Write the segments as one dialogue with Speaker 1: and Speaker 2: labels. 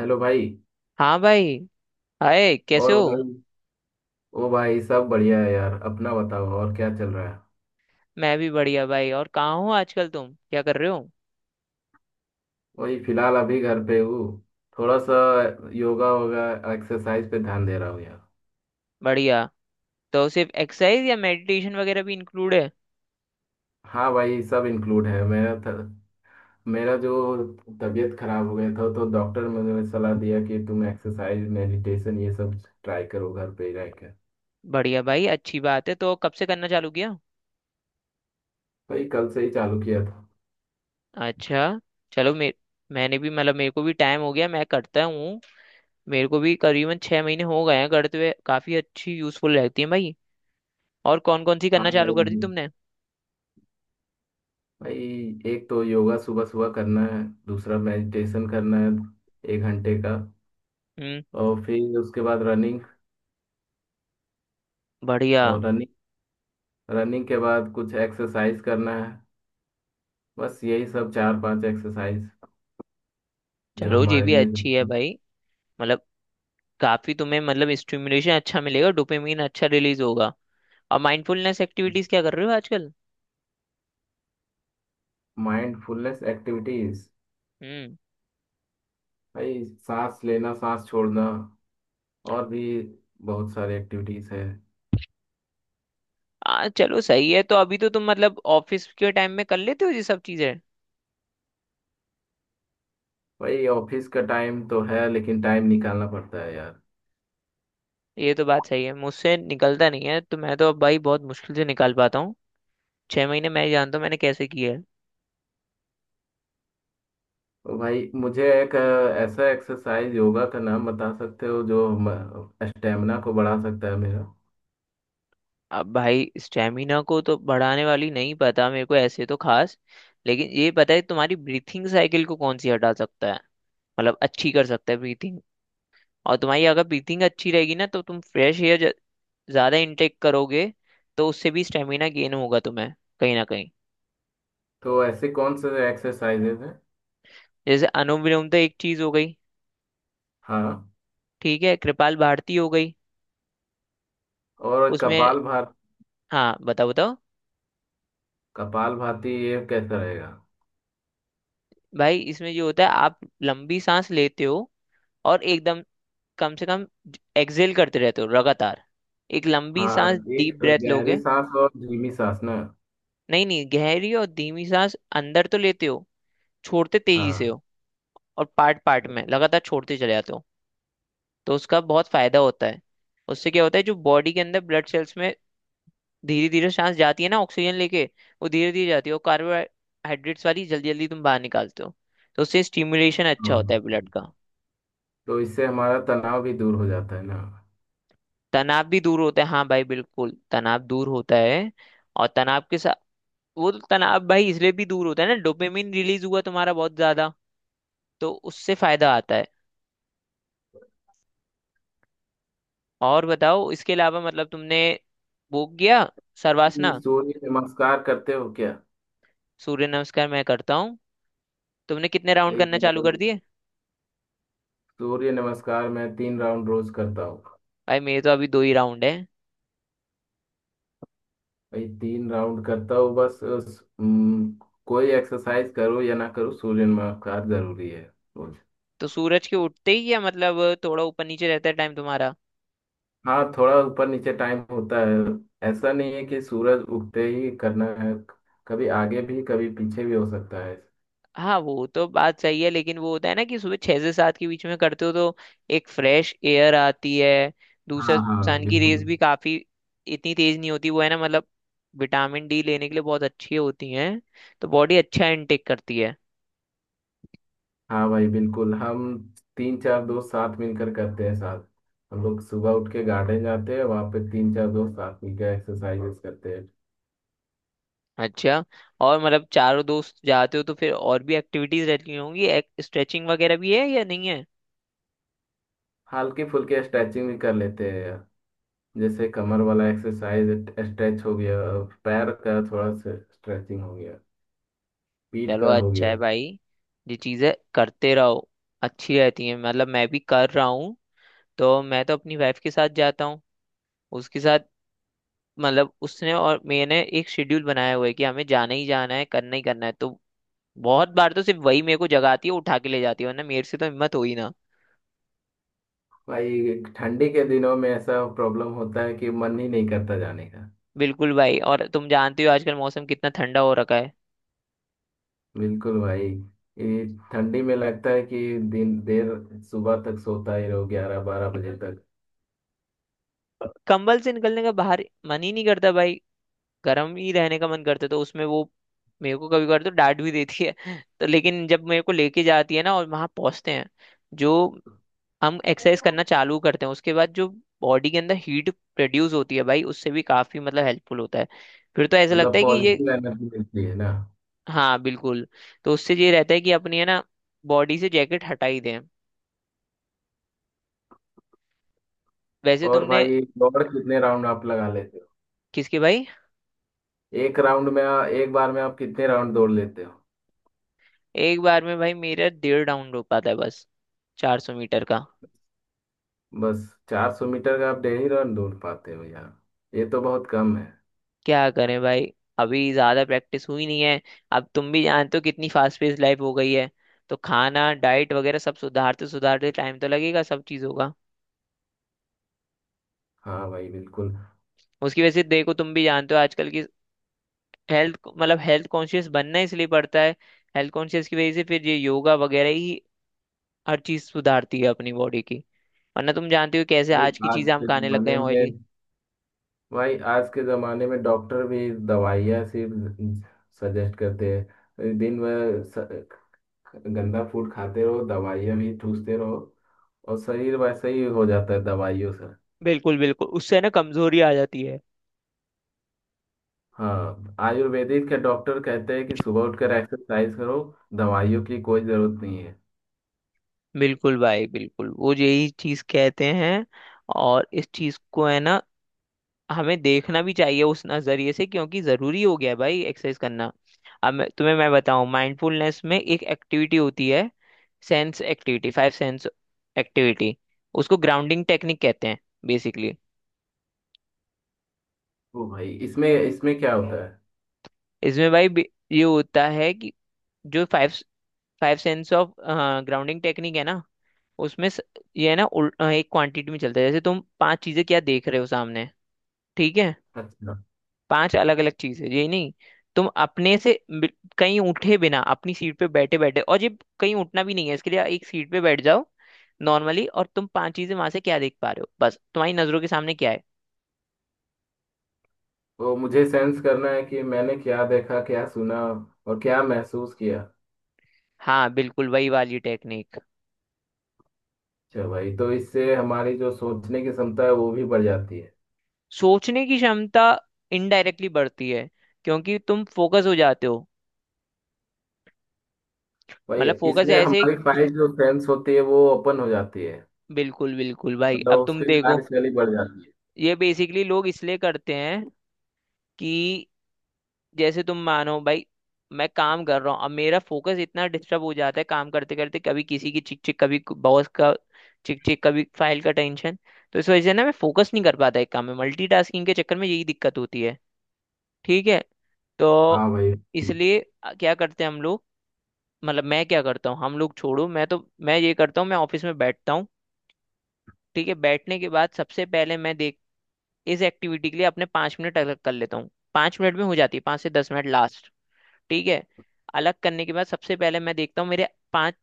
Speaker 1: Hello भाई।
Speaker 2: हाँ भाई। हाय कैसे
Speaker 1: और
Speaker 2: हो?
Speaker 1: भाई ओ भाई सब बढ़िया है यार, अपना बताओ और क्या चल रहा है।
Speaker 2: मैं भी बढ़िया भाई। और कहाँ हो आजकल, तुम क्या कर रहे हो?
Speaker 1: वही फिलहाल अभी घर पे हूँ, थोड़ा सा योगा वोगा एक्सरसाइज पे ध्यान दे रहा हूँ यार।
Speaker 2: बढ़िया। तो सिर्फ एक्सरसाइज या मेडिटेशन वगैरह भी इंक्लूड है?
Speaker 1: हाँ भाई सब इंक्लूड है। मेरा जो तबीयत खराब हो गया था तो डॉक्टर ने मुझे सलाह दिया कि तुम एक्सरसाइज मेडिटेशन ये सब ट्राई करो घर पे ही रहकर।
Speaker 2: बढ़िया भाई, अच्छी बात है। तो कब से करना चालू किया?
Speaker 1: भाई कल से ही चालू किया था।
Speaker 2: अच्छा। चलो मे मैंने भी मतलब मेरे को भी टाइम हो गया, मैं करता हूँ। मेरे को भी करीबन 6 महीने हो गए हैं करते हुए, काफी अच्छी यूजफुल रहती है भाई। और कौन कौन सी
Speaker 1: हाँ
Speaker 2: करना चालू
Speaker 1: भाई
Speaker 2: कर दी
Speaker 1: नहीं।
Speaker 2: तुमने?
Speaker 1: भाई एक तो योगा सुबह सुबह करना है, दूसरा मेडिटेशन करना है 1 घंटे का।
Speaker 2: हम्म।
Speaker 1: और फिर उसके बाद रनिंग।
Speaker 2: बढ़िया।
Speaker 1: और रनिंग रनिंग के बाद कुछ एक्सरसाइज करना है, बस यही सब चार पांच एक्सरसाइज जो
Speaker 2: चलो ये
Speaker 1: हमारे
Speaker 2: भी
Speaker 1: लिए।
Speaker 2: अच्छी है भाई। मतलब काफी तुम्हें मतलब स्टिमुलेशन अच्छा मिलेगा, डोपामिन अच्छा रिलीज होगा। अब माइंडफुलनेस एक्टिविटीज क्या कर रहे हो आजकल?
Speaker 1: माइंडफुलनेस एक्टिविटीज,
Speaker 2: हम्म।
Speaker 1: भाई सांस लेना सांस छोड़ना और भी बहुत सारे एक्टिविटीज है।
Speaker 2: आ चलो सही है। तो अभी तो तुम मतलब ऑफिस के टाइम में कर लेते हो ये सब चीजें?
Speaker 1: भाई ऑफिस का टाइम तो है लेकिन टाइम निकालना पड़ता है यार।
Speaker 2: ये तो बात सही है, मुझसे निकलता नहीं है तो मैं तो अब भाई बहुत मुश्किल से निकाल पाता हूँ। 6 महीने मैं जानता हूँ मैंने कैसे किया है।
Speaker 1: तो भाई मुझे एक ऐसा एक्सरसाइज योगा का नाम बता सकते हो जो स्टेमिना को बढ़ा सकता है मेरा।
Speaker 2: अब भाई स्टेमिना को तो बढ़ाने वाली नहीं पता मेरे को ऐसे तो खास, लेकिन ये पता है तुम्हारी ब्रीथिंग साइकिल को कौन सी हटा सकता है, मतलब अच्छी कर सकता है ब्रीथिंग। और तुम्हारी अगर ब्रीथिंग अच्छी रहेगी ना तो तुम फ्रेश एयर ज्यादा इनटेक करोगे, तो उससे भी स्टेमिना गेन होगा तुम्हें कहीं ना कहीं।
Speaker 1: तो ऐसे कौन से एक्सरसाइजेज हैं।
Speaker 2: जैसे अनुलोम विलोम तो एक चीज हो गई,
Speaker 1: हाँ।
Speaker 2: ठीक है। कृपाल भारती हो गई
Speaker 1: और
Speaker 2: उसमें।
Speaker 1: कपाल भात।
Speaker 2: हाँ बताओ बताओ।
Speaker 1: कपाल भाती ये कैसा रहेगा।
Speaker 2: भाई इसमें जो होता है आप लंबी सांस लेते हो और एकदम कम से कम एक्सेल करते रहते हो लगातार। एक लंबी
Speaker 1: हाँ,
Speaker 2: सांस
Speaker 1: एक
Speaker 2: डीप ब्रेथ
Speaker 1: गहरी
Speaker 2: लोगे।
Speaker 1: सांस और धीमी सांस ना।
Speaker 2: नहीं नहीं, गहरी और धीमी सांस अंदर तो लेते हो, छोड़ते तेजी से
Speaker 1: हाँ,
Speaker 2: हो। और पार्ट पार्ट में लगातार छोड़ते चले जाते हो, तो उसका बहुत फायदा होता है। उससे क्या होता है जो बॉडी के अंदर ब्लड सेल्स में धीरे धीरे सांस जाती है ना ऑक्सीजन लेके, वो धीरे धीरे जाती है, और कार्बोहाइड्रेट्स वाली जल्दी जल्दी तुम बाहर निकालते हो, तो उससे स्टिमुलेशन अच्छा होता है ब्लड का।
Speaker 1: हाँ। तो इससे हमारा तनाव भी दूर हो जाता है ना।
Speaker 2: तनाव भी दूर होता है, हाँ भाई बिल्कुल तनाव दूर होता है। और तनाव के साथ वो तो तनाव भाई इसलिए भी दूर होता है ना, डोपामिन रिलीज हुआ तुम्हारा बहुत ज्यादा, तो उससे फायदा आता है। और बताओ इसके अलावा मतलब तुमने वो किया शर्वासना?
Speaker 1: सूर्य नमस्कार करते हो क्या।
Speaker 2: सूर्य नमस्कार मैं करता हूँ। तुमने कितने राउंड
Speaker 1: यही
Speaker 2: करना
Speaker 1: मैं
Speaker 2: चालू कर दिए?
Speaker 1: सूर्य नमस्कार मैं तीन राउंड रोज करता हूँ।
Speaker 2: भाई मेरे तो अभी दो ही राउंड है।
Speaker 1: भाई तीन राउंड करता हूँ बस कोई एक्सरसाइज करो या ना करो सूर्य नमस्कार जरूरी है रोज।
Speaker 2: तो सूरज के उठते ही या मतलब थोड़ा ऊपर नीचे रहता है टाइम तुम्हारा?
Speaker 1: हाँ, थोड़ा ऊपर नीचे टाइम होता है, ऐसा नहीं है कि सूरज उगते ही करना है, कभी आगे भी कभी पीछे भी हो सकता है।
Speaker 2: हाँ वो तो बात सही है, लेकिन वो होता है ना कि सुबह 6 से 7 के बीच में करते हो तो एक फ्रेश एयर आती है।
Speaker 1: हाँ
Speaker 2: दूसरा,
Speaker 1: हाँ हाँ
Speaker 2: सन की
Speaker 1: बिल्कुल।
Speaker 2: रेज भी काफी इतनी तेज नहीं होती वो है ना, मतलब विटामिन डी लेने के लिए बहुत अच्छी होती हैं, तो बॉडी अच्छा इनटेक करती है।
Speaker 1: हाँ भाई बिल्कुल, हम तीन चार दोस्त साथ मिलकर करते हैं साथ, हम लोग सुबह उठ के गार्डन जाते हैं वहाँ पे तीन चार दोस्त साथ मिलकर एक्सरसाइजेस करते हैं।
Speaker 2: अच्छा। और मतलब चारों दोस्त जाते हो तो फिर और भी एक्टिविटीज रहती होंगी? स्ट्रेचिंग वगैरह भी है या नहीं है?
Speaker 1: हल्की फुल्की स्ट्रेचिंग भी कर लेते हैं, जैसे कमर वाला एक्सरसाइज स्ट्रेच हो गया, पैर का थोड़ा स्ट्रेचिंग हो गया, पीठ
Speaker 2: चलो
Speaker 1: का हो
Speaker 2: अच्छा
Speaker 1: गया।
Speaker 2: है भाई, ये चीजें करते रहो, अच्छी रहती हैं, मतलब मैं भी कर रहा हूँ। तो मैं तो अपनी वाइफ के साथ जाता हूँ उसके साथ, मतलब उसने और मैंने एक शेड्यूल बनाया हुआ है कि हमें जाना ही जाना है करना ही करना है, तो बहुत बार तो सिर्फ वही मेरे को जगाती है, उठा के ले जाती है, वरना मेरे से तो हिम्मत हो ही ना।
Speaker 1: भाई ठंडी के दिनों में ऐसा प्रॉब्लम होता है कि मन ही नहीं करता जाने का।
Speaker 2: बिल्कुल भाई, और तुम जानते हो आजकल मौसम कितना ठंडा हो रखा है।
Speaker 1: बिल्कुल भाई, ये ठंडी में लगता है कि दिन देर सुबह तक सोता ही रहो 11 12 बजे तक।
Speaker 2: कंबल से निकलने का बाहर मन ही नहीं करता भाई, गर्म ही रहने का मन करता है, तो उसमें वो मेरे को कभी कभार तो डांट भी देती है तो। लेकिन जब मेरे को लेके जाती है ना और वहां पहुंचते हैं, जो हम एक्सरसाइज करना चालू करते हैं उसके बाद जो बॉडी के अंदर हीट प्रोड्यूस होती है भाई, उससे भी काफी मतलब हेल्पफुल होता है। फिर तो ऐसा लगता
Speaker 1: मतलब
Speaker 2: है कि ये,
Speaker 1: पॉजिटिव एनर्जी मिलती है ना।
Speaker 2: हाँ बिल्कुल, तो उससे ये रहता है कि अपनी है ना बॉडी से जैकेट हटा ही दें। वैसे
Speaker 1: और
Speaker 2: तुमने।
Speaker 1: भाई दौड़ कितने राउंड आप लगा लेते हो।
Speaker 2: किसके भाई?
Speaker 1: एक बार में आप कितने राउंड दौड़ लेते हो।
Speaker 2: एक बार में भाई मेरा डेढ़ राउंड हो पाता है बस, 400 मीटर का।
Speaker 1: बस 400 मीटर का आप डेली राउंड दौड़ पाते हो यार, ये तो बहुत कम है।
Speaker 2: क्या करें भाई, अभी ज्यादा प्रैक्टिस हुई नहीं है। अब तुम भी जानते हो कितनी फास्ट पेस लाइफ हो गई है, तो खाना डाइट वगैरह सब सुधारते सुधारते टाइम तो लगेगा, सब चीज होगा।
Speaker 1: हाँ भाई बिल्कुल।
Speaker 2: उसकी वजह से देखो तुम भी जानते हो आजकल की हेल्थ, मतलब हेल्थ कॉन्शियस बनना इसलिए पड़ता है, हेल्थ कॉन्शियस की वजह से फिर ये योगा वगैरह ही हर चीज सुधारती है अपनी बॉडी की, वरना तुम जानते हो कैसे
Speaker 1: भाई
Speaker 2: आज की
Speaker 1: आज
Speaker 2: चीजें हम
Speaker 1: के
Speaker 2: खाने लग गए
Speaker 1: जमाने
Speaker 2: हैं ऑयली।
Speaker 1: में, भाई आज के ज़माने में डॉक्टर भी दवाइयाँ सिर्फ सजेस्ट करते हैं, गंदा फूड खाते रहो दवाइयाँ भी ठूसते रहो, और शरीर वैसे ही हो जाता है दवाइयों से।
Speaker 2: बिल्कुल बिल्कुल, उससे ना कमजोरी आ जाती है।
Speaker 1: हाँ, आयुर्वेदिक के डॉक्टर कहते हैं कि सुबह उठकर एक्सरसाइज करो, दवाइयों की कोई ज़रूरत नहीं है।
Speaker 2: बिल्कुल भाई बिल्कुल, वो यही चीज कहते हैं। और इस चीज को है ना हमें देखना भी चाहिए उस नजरिए से, क्योंकि जरूरी हो गया है भाई एक्सरसाइज करना। तुम्हें मैं बताऊं माइंडफुलनेस में एक एक्टिविटी होती है, sense activity, five sense activity, उसको ग्राउंडिंग टेक्निक कहते हैं बेसिकली।
Speaker 1: ओ भाई इसमें इसमें क्या होता है।
Speaker 2: इसमें भाई ये होता है कि जो five five sense of grounding technique है ना, उसमें ये है ना एक क्वांटिटी में चलता है। जैसे तुम पांच चीजें क्या देख रहे हो सामने? ठीक है,
Speaker 1: अच्छा,
Speaker 2: पांच अलग अलग चीजें, ये नहीं तुम अपने से बि- कहीं उठे बिना अपनी सीट पे बैठे बैठे, और ये कहीं उठना भी नहीं है इसके लिए, एक सीट पे बैठ जाओ नॉर्मली और तुम पांच चीजें वहां से क्या देख पा रहे हो, बस तुम्हारी नजरों के सामने क्या है।
Speaker 1: तो मुझे सेंस करना है कि मैंने क्या देखा क्या सुना और क्या महसूस किया।
Speaker 2: हाँ बिल्कुल वही वाली टेक्निक।
Speaker 1: अच्छा भाई तो इससे हमारी जो सोचने की क्षमता है वो भी बढ़ जाती है।
Speaker 2: सोचने की क्षमता इनडायरेक्टली बढ़ती है, क्योंकि तुम फोकस हो जाते हो।
Speaker 1: वही है,
Speaker 2: मतलब फोकस
Speaker 1: इसमें
Speaker 2: ऐसे,
Speaker 1: हमारी फाइल जो फ्रेंड्स होती है वो ओपन हो जाती है,
Speaker 2: बिल्कुल बिल्कुल भाई,
Speaker 1: मतलब
Speaker 2: अब तुम
Speaker 1: उसकी
Speaker 2: देखो
Speaker 1: कार्यशैली बढ़ जाती है।
Speaker 2: ये बेसिकली लोग इसलिए करते हैं कि जैसे तुम मानो भाई मैं काम कर रहा हूँ, अब मेरा फोकस इतना डिस्टर्ब हो जाता है काम करते करते, कभी किसी की चिक चिक, कभी बॉस का चिक चिक, कभी फाइल का टेंशन, तो इस वजह से ना मैं फोकस नहीं कर पाता एक काम में, मल्टीटास्किंग के चक्कर में यही दिक्कत होती है। ठीक है।
Speaker 1: हाँ
Speaker 2: तो
Speaker 1: भाई।
Speaker 2: इसलिए क्या करते हैं हम लोग, मतलब मैं क्या करता हूँ, हम लोग छोड़ो, मैं तो मैं ये करता हूँ, मैं ऑफिस में बैठता हूँ, ठीक है, बैठने के बाद सबसे पहले मैं देख इस एक्टिविटी के लिए अपने 5 मिनट अलग कर लेता हूँ, 5 मिनट में हो जाती है, 5 से 10 मिनट लास्ट। ठीक है, अलग करने के बाद सबसे पहले मैं देखता हूँ मेरे पांच,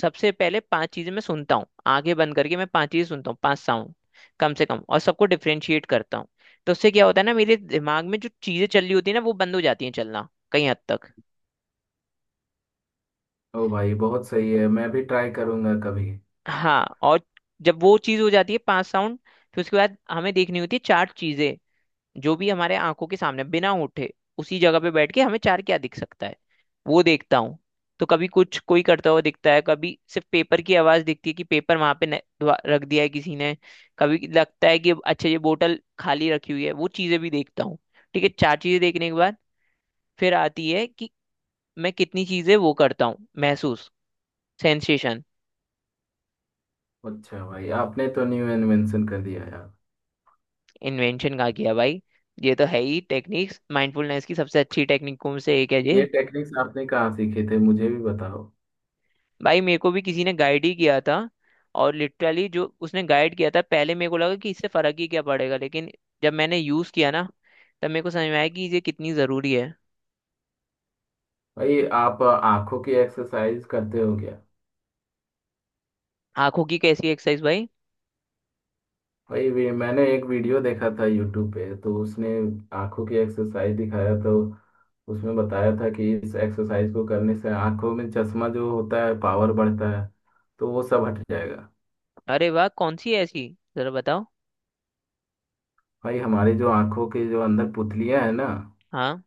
Speaker 2: सबसे पहले पांच चीजें मैं सुनता हूँ, आंखें बंद करके मैं पांच चीजें सुनता हूँ, पांच साउंड कम से कम, और सबको डिफ्रेंशिएट करता हूँ। तो उससे क्या होता है ना मेरे दिमाग में जो चीजें चल रही होती है ना, वो बंद हो जाती हैं चलना कहीं हद तक।
Speaker 1: ओ भाई बहुत सही है, मैं भी ट्राई करूंगा कभी।
Speaker 2: हाँ, और जब वो चीज हो जाती है पांच साउंड, फिर उसके बाद हमें देखनी होती है चार चीजें, जो भी हमारे आंखों के सामने बिना उठे उसी जगह पे बैठ के हमें चार क्या दिख सकता है वो देखता हूँ। तो कभी कुछ कोई करता हुआ दिखता है, कभी सिर्फ पेपर की आवाज दिखती है कि पेपर वहां पे रख दिया है किसी ने, कभी लगता है कि अच्छा ये बोतल खाली रखी हुई है, वो चीजें भी देखता हूँ। ठीक है, चार चीजें देखने के बाद फिर आती है कि मैं कितनी चीजें वो करता हूँ महसूस, सेंसेशन।
Speaker 1: अच्छा भाई आपने तो न्यू इन्वेंशन कर दिया यार।
Speaker 2: इन्वेंशन कहा गया भाई? ये तो है ही टेक्निक्स, माइंडफुलनेस की सबसे अच्छी टेक्निकों में से एक है
Speaker 1: ये
Speaker 2: ये।
Speaker 1: टेक्निक्स आपने कहाँ सीखे थे, मुझे भी बताओ।
Speaker 2: भाई मेरे को भी किसी ने गाइड ही किया था, और लिटरली जो उसने गाइड किया था पहले मेरे को लगा कि इससे फर्क ही क्या पड़ेगा, लेकिन जब मैंने यूज किया ना तब मेरे को समझ में आया कि ये कितनी जरूरी है।
Speaker 1: भाई आप आंखों की एक्सरसाइज करते हो क्या।
Speaker 2: आंखों की कैसी एक्सरसाइज भाई?
Speaker 1: मैंने एक वीडियो देखा था यूट्यूब पे, तो उसने आंखों की एक्सरसाइज दिखाया, तो उसमें बताया था कि इस एक्सरसाइज को करने से आंखों में चश्मा जो होता है पावर बढ़ता है, तो वो सब हट जाएगा।
Speaker 2: अरे वाह, कौन सी है ऐसी, जरा बताओ।
Speaker 1: भाई हमारी जो आंखों के जो अंदर पुतलियां है ना,
Speaker 2: हाँ।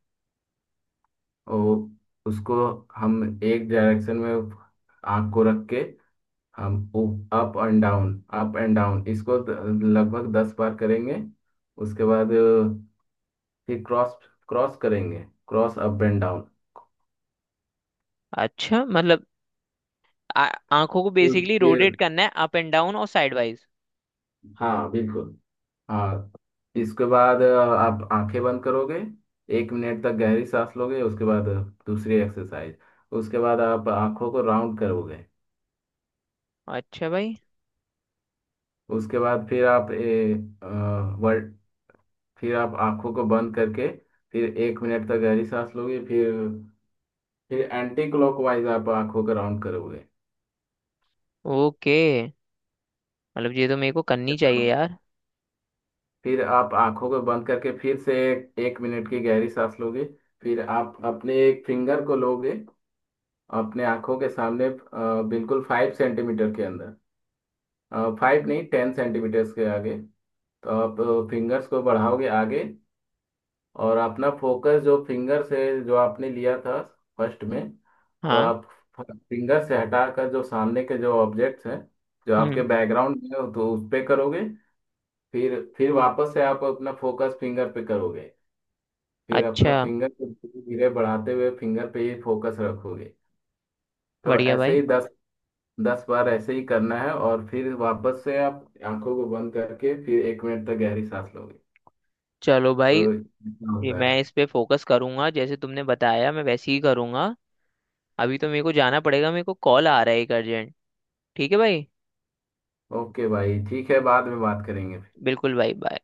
Speaker 1: वो उसको हम एक डायरेक्शन में आंख को रख के हम up and down up and down लगभग दस बार करेंगे। उसके बाद फिर क्रॉस क्रॉस करेंगे, क्रॉस अप एंड डाउन।
Speaker 2: अच्छा मतलब आ- आंखों को बेसिकली
Speaker 1: ये,
Speaker 2: रोटेट करना है, अप एंड डाउन और साइड वाइज।
Speaker 1: हाँ बिल्कुल। हाँ, इसके बाद आप आंखें बंद करोगे 1 मिनट तक गहरी सांस लोगे। उसके बाद दूसरी एक्सरसाइज, उसके बाद आप आंखों को राउंड करोगे।
Speaker 2: अच्छा भाई।
Speaker 1: उसके बाद फिर आप अ, वर्ड आंखों को बंद करके फिर 1 मिनट तक गहरी सांस लोगे, फिर एंटी क्लॉकवाइज आप आंखों को राउंड करोगे।
Speaker 2: ओके, मतलब ये तो मेरे को करनी चाहिए यार।
Speaker 1: फिर आप आंखों को बंद करके फिर से 1 मिनट की गहरी सांस लोगे। फिर आप अपने एक फिंगर को लोगे, अपने आंखों के सामने बिल्कुल 5 सेंटीमीटर के अंदर, 5 नहीं 10 सेंटीमीटर्स के आगे। तो आप फिंगर्स को बढ़ाओगे आगे, और अपना फोकस जो फिंगर से जो आपने लिया था फर्स्ट में। तो
Speaker 2: हाँ।
Speaker 1: आप फिंगर से हटाकर जो सामने के जो ऑब्जेक्ट्स हैं, जो आपके
Speaker 2: हम्म।
Speaker 1: बैकग्राउंड में हो तो उस पे करोगे। फिर वापस से आप अपना फोकस फिंगर पे करोगे, फिर अपना
Speaker 2: अच्छा।
Speaker 1: फिंगर को धीरे धीरे बढ़ाते हुए फिंगर पे ही फोकस रखोगे। तो
Speaker 2: बढ़िया
Speaker 1: ऐसे
Speaker 2: भाई।
Speaker 1: ही दस दस बार ऐसे ही करना है, और फिर वापस से आप आंखों को बंद करके फिर एक मिनट तक गहरी सांस लोगे।
Speaker 2: चलो भाई,
Speaker 1: तो इतना
Speaker 2: जी
Speaker 1: होता है।
Speaker 2: मैं इस पे फोकस करूंगा जैसे तुमने बताया, मैं वैसे ही करूंगा। अभी तो मेरे को जाना पड़ेगा, मेरे को कॉल आ रहा है एक अर्जेंट। ठीक है भाई।
Speaker 1: ओके भाई ठीक है, बाद में बात करेंगे।
Speaker 2: बिल्कुल भाई, बाय।